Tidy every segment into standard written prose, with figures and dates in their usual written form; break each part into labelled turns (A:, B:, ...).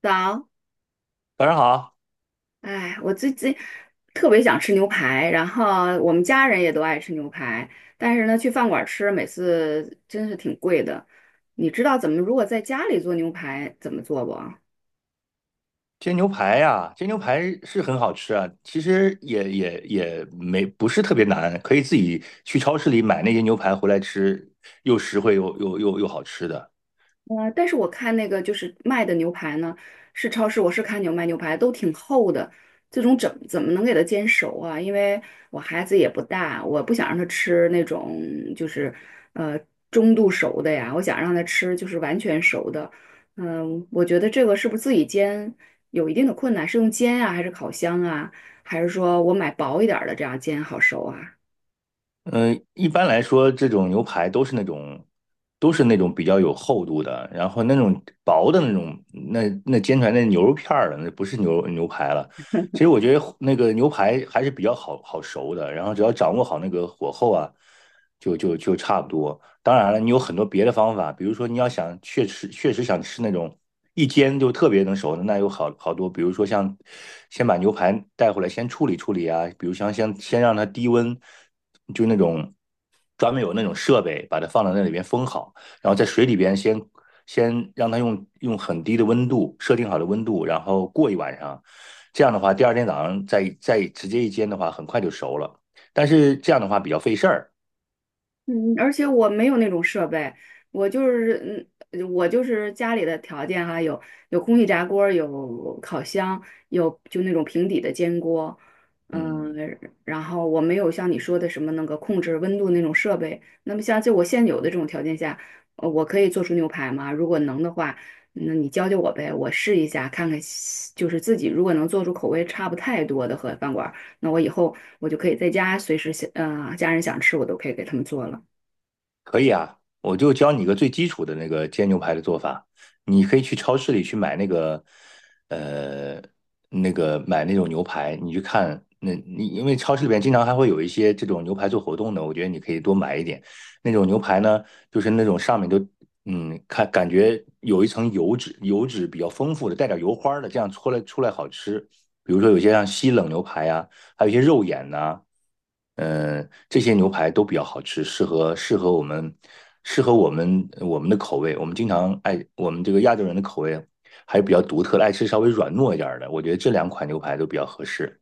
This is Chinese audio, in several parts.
A: 早，
B: 早上好，
A: 哎，我最近特别想吃牛排，然后我们家人也都爱吃牛排，但是呢，去饭馆吃每次真是挺贵的。你知道怎么如果在家里做牛排怎么做不？
B: 煎牛排呀、煎牛排是很好吃啊，其实也也也没不是特别难，可以自己去超市里买那些牛排回来吃，又实惠又好吃的。
A: 但是我看那个就是卖的牛排呢，是超市，我是看卖牛排都挺厚的，这种怎么能给它煎熟啊？因为我孩子也不大，我不想让他吃那种就是呃中度熟的呀，我想让他吃就是完全熟的。我觉得这个是不是自己煎有一定的困难？是用煎啊，还是烤箱啊，还是说我买薄一点儿的这样煎好熟啊？
B: 嗯、一般来说，这种牛排都是那种比较有厚度的，然后那种薄的那种，那煎出来那牛肉片儿了，那不是牛排了。其实我觉得那个牛排还是比较好熟的，然后只要掌握好那个火候啊，就差不多。当然了，你有很多别的方法，比如说你要想确实想吃那种一煎就特别能熟的，那有好多，比如说像先把牛排带回来先处理处理啊，比如像先让它低温，就那种专门有那种设备把它放到那里边封好，然后在水里边先让它用很低的温度设定好的温度，然后过一晚上，这样的话第二天早上再直接一煎的话，很快就熟了，但是这样的话比较费事儿，
A: 嗯而且我没有那种设备，我就是我就是家里的条件哈，有空气炸锅儿有烤箱，有就那种平底的煎锅，嗯，
B: 嗯。
A: 然后我没有像你说的什么那个控制温度那种设备。那么像就我现有的这种条件下，我可以做出牛排吗？如果能的话，那你教教我呗，我试一下看看，就是自己如果能做出口味差不太多的和饭馆儿，那我以后就可以在家随时想，家人想吃我都可以给他们做了。
B: 可以啊，我就教你一个最基础的那个煎牛排的做法。你可以去超市里去买那个，呃，那个买那种牛排，你去你因为超市里边经常还会有一些这种牛排做活动的，我觉得你可以多买一点。那种牛排呢，就是那种上面都看感觉有一层油脂，油脂比较丰富的，带点油花的，这样搓来出来好吃。比如说有些像西冷牛排啊，还有一些肉眼呐、这些牛排都比较好吃，适合我们的口味。我们经常爱我们这个亚洲人的口味还是比较独特的，爱吃稍微软糯一点儿的。我觉得这两款牛排都比较合适。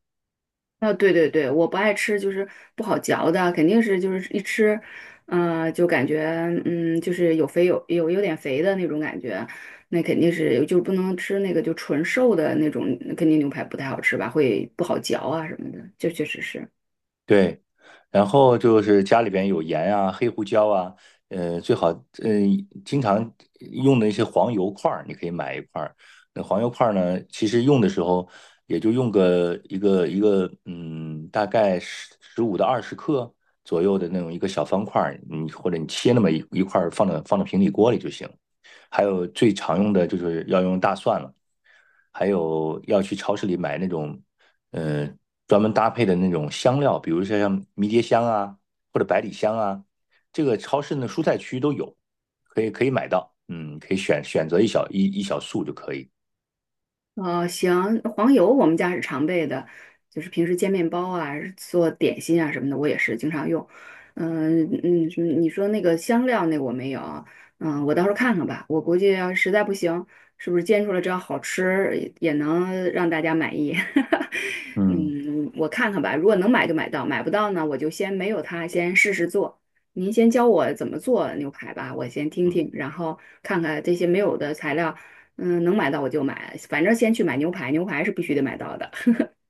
A: 啊，对对对，我不爱吃，就是不好嚼的，肯定是就是一吃，就感觉就是有点肥的那种感觉，那肯定是就不能吃那个就纯瘦的那种，肯定牛排不太好吃吧，会不好嚼啊什么的，这确实是。
B: 对，然后就是家里边有盐啊、黑胡椒啊，最好经常用的一些黄油块儿，你可以买一块儿。那黄油块儿呢，其实用的时候也就用个一个，大概十五到二十克左右的那种一个小方块儿，你或者你切那么一块儿放到平底锅里就行。还有最常用的就是要用大蒜了，还有要去超市里买那种，呃，专门搭配的那种香料，比如说像迷迭香啊，或者百里香啊，这个超市的蔬菜区都有，可以买到，可以选择一小束就可以，
A: 哦，行，黄油我们家是常备的，就是平时煎面包啊、做点心啊什么的，我也是经常用。你说那个香料那个我没有啊，我到时候看看吧。我估计要实在不行，是不是煎出来只要好吃，也能让大家满意。
B: 嗯，
A: 嗯，我看看吧，如果能买就买到，买不到呢，我就先没有它，先试试做。您先教我怎么做牛排吧，我先听听，
B: 嗯。
A: 然后看看这些没有的材料，能买到我就买，反正先去买牛排，牛排是必须得买到的。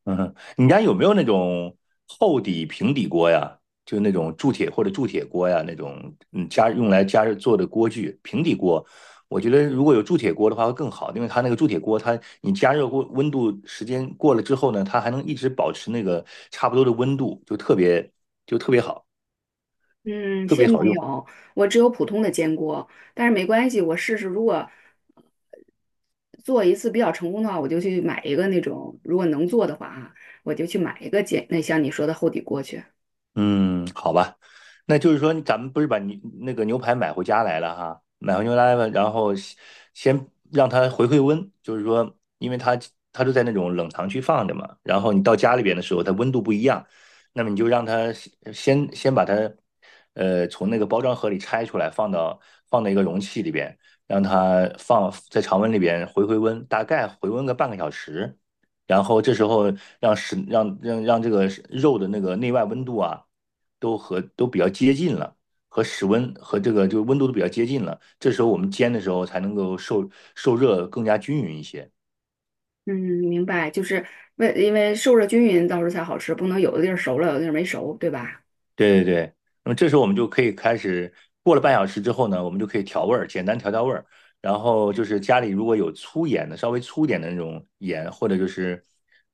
B: 嗯哼，你家有没有那种厚底、平底锅呀？就那种铸铁或者铸铁锅呀，那种用来加热做的锅具。平底锅，我觉得如果有铸铁锅的话会更好，因为它那个铸铁锅，它你加热过温度时间过了之后呢，它还能一直保持那个差不多的温度，就特别好，
A: 嗯，
B: 特别
A: 先
B: 好
A: 没
B: 用。
A: 有，我只有普通的煎锅，但是没关系，我试试，如果做一次比较成功的话，我就去买一个那种，如果能做的话啊，我就去买一个煎，那像你说的厚底锅去。
B: 嗯，好吧，那就是说，咱们不是把那个牛排买回家来了哈，买回牛排了，然后先先让它回温，就是说，因为它它都在那种冷藏区放着嘛，然后你到家里边的时候，它温度不一样，那么你就让它先先把它呃从那个包装盒里拆出来，放到一个容器里边，让它放在常温里边回温，大概回温个半个小时，然后这时候让食让让让这个肉的那个内外温度啊，都比较接近了，和室温和这个温度都比较接近了。这时候我们煎的时候才能够受热更加均匀一些。
A: 嗯，明白，就是因为受热均匀，到时候才好吃，不能有的地儿熟了，有的地儿没熟，对吧？
B: 对对对，那么这时候我们就可以开始，过了半小时之后呢，我们就可以调味儿，简单调味儿。然后就是家里如果有粗盐的，稍微粗一点的那种盐，或者就是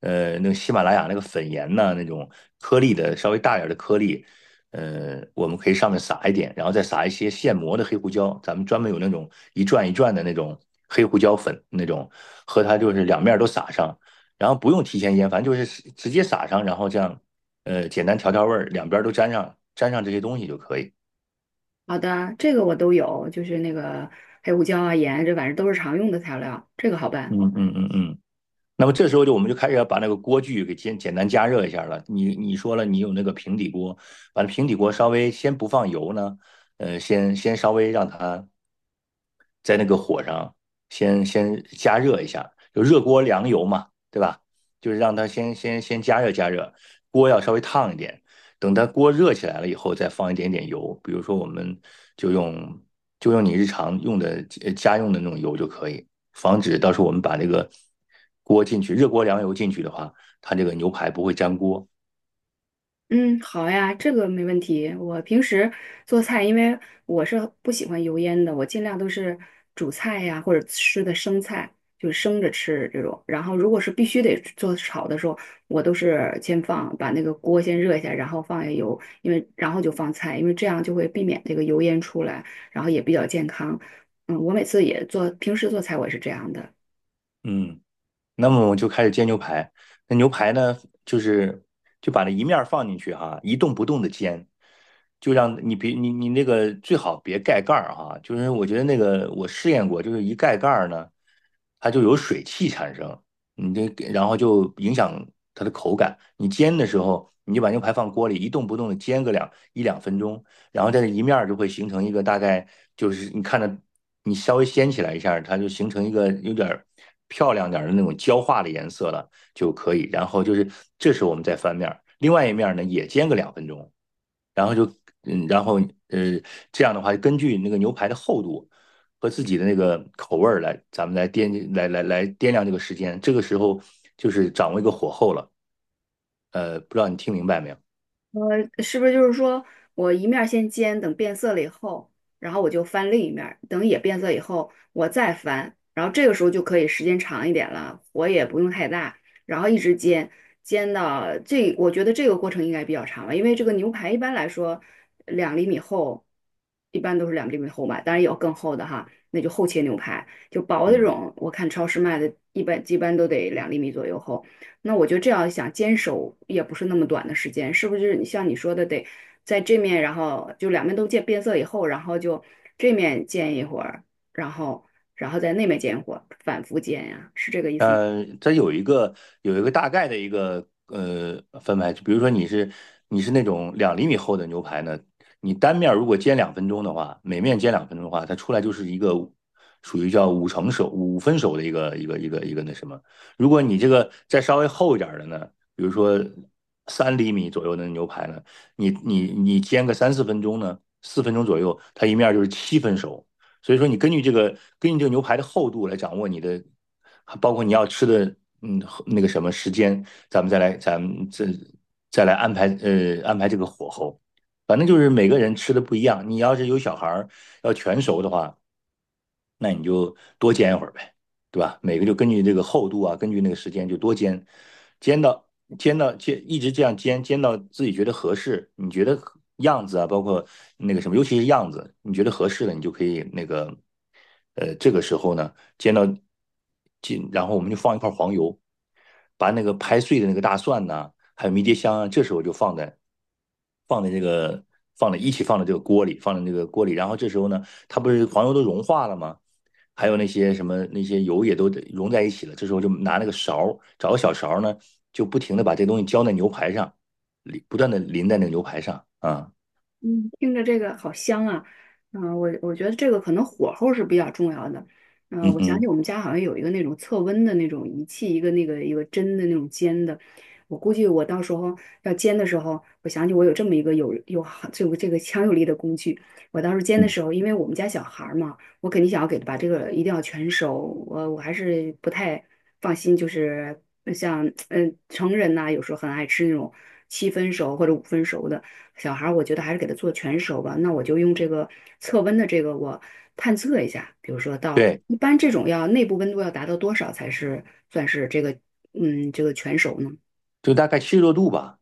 B: 那个喜马拉雅那个粉盐呐，那种颗粒的稍微大点儿的颗粒，我们可以上面撒一点，然后再撒一些现磨的黑胡椒，咱们专门有那种一转一转的那种黑胡椒粉那种，和它就是两面儿都撒上。然后不用提前腌，反正就是直接撒上，然后这样简单调味儿，两边都沾上这些东西就可以。
A: 好的，这个我都有，就是那个黑胡椒啊、盐啊，这反正都是常用的材料，这个好办。
B: 嗯嗯嗯嗯。那么这时候就我们就开始要把那个锅具给简单加热一下了。你说了，你有那个平底锅，把那平底锅稍微先不放油呢，先稍微让它在那个火上先加热一下，就热锅凉油嘛，对吧？就是让它先加热加热，锅要稍微烫一点。等它锅热起来了以后，再放一点点油，比如说我们就用就用你日常用的家用的那种油就可以，防止到时候我们把这个锅进去热锅凉油进去的话，它这个牛排不会粘锅。
A: 嗯，好呀，这个没问题。我平时做菜，因为我是不喜欢油烟的，我尽量都是煮菜呀，或者吃的生菜，就是生着吃这种。然后如果是必须得做炒的时候，我都是先放，把那个锅先热一下，然后放下油，因为然后就放菜，因为这样就会避免这个油烟出来，然后也比较健康。我每次也做，平时做菜我也是这样的。
B: 嗯，那么我就开始煎牛排。那牛排呢，就是就把那一面儿放进去哈、一动不动的煎，就让你别你你那个最好别盖盖儿哈、就是我觉得那个我试验过，就是一盖盖儿呢，它就有水汽产生，你这然后就影响它的口感。你煎的时候，你就把牛排放锅里一动不动的煎个两分钟，然后在这一面儿就会形成一个大概就是你看着你稍微掀起来一下它就形成一个有点儿漂亮点的那种焦化的颜色了就可以。然后就是这时候我们再翻面儿，另外一面儿呢也煎个两分钟，然后嗯，然后呃这样的话，根据那个牛排的厚度。和自己的那个口味儿来，咱们来掂来来来掂量这个时间。这个时候就是掌握一个火候了。不知道你听明白没有？
A: 呃，是不是就是说我一面儿先煎，等变色了以后，然后我就翻另一面儿，等也变色以后，我再翻，然后这个时候就可以时间长一点了，火也不用太大，然后一直煎，煎到这，我觉得这个过程应该比较长吧，因为这个牛排一般来说两厘米厚，一般都是两厘米厚吧，当然有更厚的哈，那就厚切牛排，就薄的这
B: 嗯
A: 种，我看超市卖的，一般都得两厘米左右厚。那我就这样想，坚守也不是那么短的时间，是不是？像你说的，得在这面，然后就两面都见变色以后，然后就这面见一会儿，然后然后在那面见一会儿，反复见呀，是这个意思吗？
B: 它有一个大概的一个分排，就比如说你是那种2厘米厚的牛排呢，你单面如果煎两分钟的话，每面煎两分钟的话，它出来就是一个属于叫5成熟、5分熟的一个那什么。如果你这个再稍微厚一点儿的呢，比如说3厘米左右的牛排呢，你煎个3、4分钟呢，四分钟左右，它一面就是7分熟。所以说，你根据这个牛排的厚度来掌握你的包括你要吃的，嗯，那个什么时间，咱们再来安排，安排这个火候。反正就是每个人吃的不一样。你要是有小孩儿要全熟的话，那你就多煎一会儿呗，对吧？每个就根据这个厚度啊，根据那个时间就多煎，煎到煎到，一直这样煎，煎到自己觉得合适，你觉得样子啊，包括那个什么，尤其是样子，你觉得合适了，你就可以那个，这个时候呢，煎到煎，然后我们就放一块黄油，把那个拍碎的那个大蒜呐，还有迷迭香啊，这时候就放在这个放在一起放在这个锅里，然后这时候呢，它不是黄油都融化了吗？还有那些什么那些油也都融在一起了。这时候就拿那个勺找个小勺呢，就不停的把这东西浇在牛排上，不断的淋在那个牛排上啊，
A: 嗯，听着这个好香啊！我觉得这个可能火候是比较重要的。
B: 嗯
A: 我想起
B: 哼，
A: 我们家好像有一个那种测温的那种仪器，一个针的那种尖的。我估计我到时候要煎的时候，我想起我有这么一个好这个强有力的工具。我到时候煎的时候，因为我们家小孩儿嘛，我肯定想要给他把这个一定要全熟。我还是不太放心，就是像成人呐、有时候很爱吃那种七分熟或者五分熟的。小孩儿，我觉得还是给他做全熟吧。那我就用这个测温的这个，我探测一下，比如说到
B: 对，
A: 一般这种要内部温度要达到多少才是算是这个全熟呢？
B: 就大概70多度吧，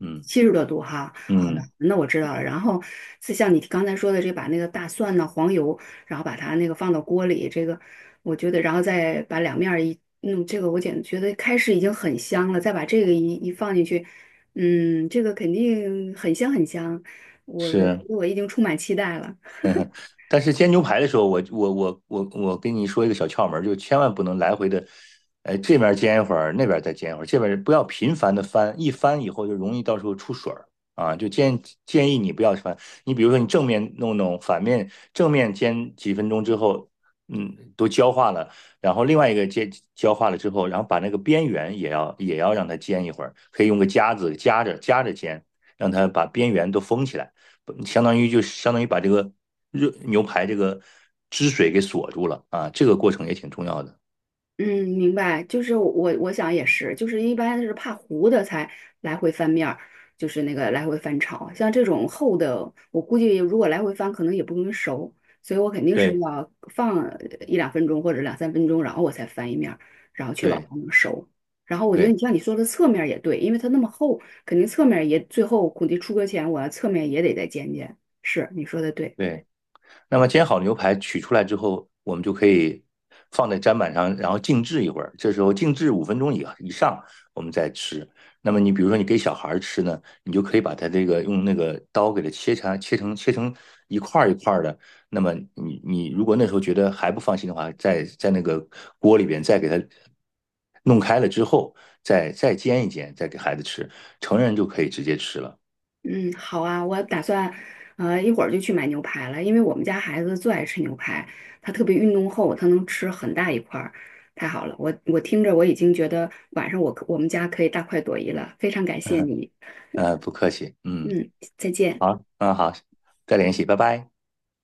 B: 嗯
A: 70多度哈，好的，
B: 嗯
A: 那我知道了。然后，是像你刚才说的，这把那个大蒜呢、黄油，然后把它那个放到锅里，这个我觉得，然后再把两面儿一弄，这个我觉得开始已经很香了，再把这个一一放进去，这个肯定很香很香，我我
B: 是。
A: 我已经充满期待了。
B: 但是煎牛排的时候，我跟你说一个小窍门儿，就千万不能来回的，哎，这边煎一会儿，那边再煎一会儿，这边不要频繁的翻，一翻以后就容易到时候出水儿啊。就建议你不要翻，你比如说你正面弄弄，正面煎几分钟之后，都焦化了，然后另外一个煎焦化了之后，然后把那个边缘也要让它煎一会儿，可以用个夹子夹着夹着煎，让它把边缘都封起来。相当于把这个热牛排这个汁水给锁住了啊，这个过程也挺重要的。
A: 嗯，明白，就是我想也是，就是一般是怕糊的才来回翻面儿，就是那个来回翻炒，像这种厚的，我估计如果来回翻，可能也不容易熟，所以我肯定是
B: 对
A: 要放一两分钟或者两三分钟，然后我才翻一面儿，然后确保
B: 对
A: 它能熟。然后我觉得
B: 对
A: 你像你说的侧面儿也对，因为它那么厚，肯定侧面儿也最后估计出锅前我要侧面也得再煎煎。是，你说的对。
B: 对。那么煎好牛排取出来之后，我们就可以放在砧板上，然后静置一会儿。这时候静置5分钟以上，我们再吃。那么你比如说你给小孩吃呢，你就可以把它这个用那个刀给它切成一块儿一块儿的。那么你如果那时候觉得还不放心的话，在那个锅里边再给它弄开了之后，再煎一煎，再给孩子吃。成人就可以直接吃了。
A: 嗯，好啊，我打算，一会儿就去买牛排了，因为我们家孩子最爱吃牛排，他特别运动后，他能吃很大一块儿，太好了，听着我已经觉得晚上我们家可以大快朵颐了，非常感谢你，
B: 不客气，嗯，
A: 嗯，再见。
B: 好，嗯好，再联系，拜拜。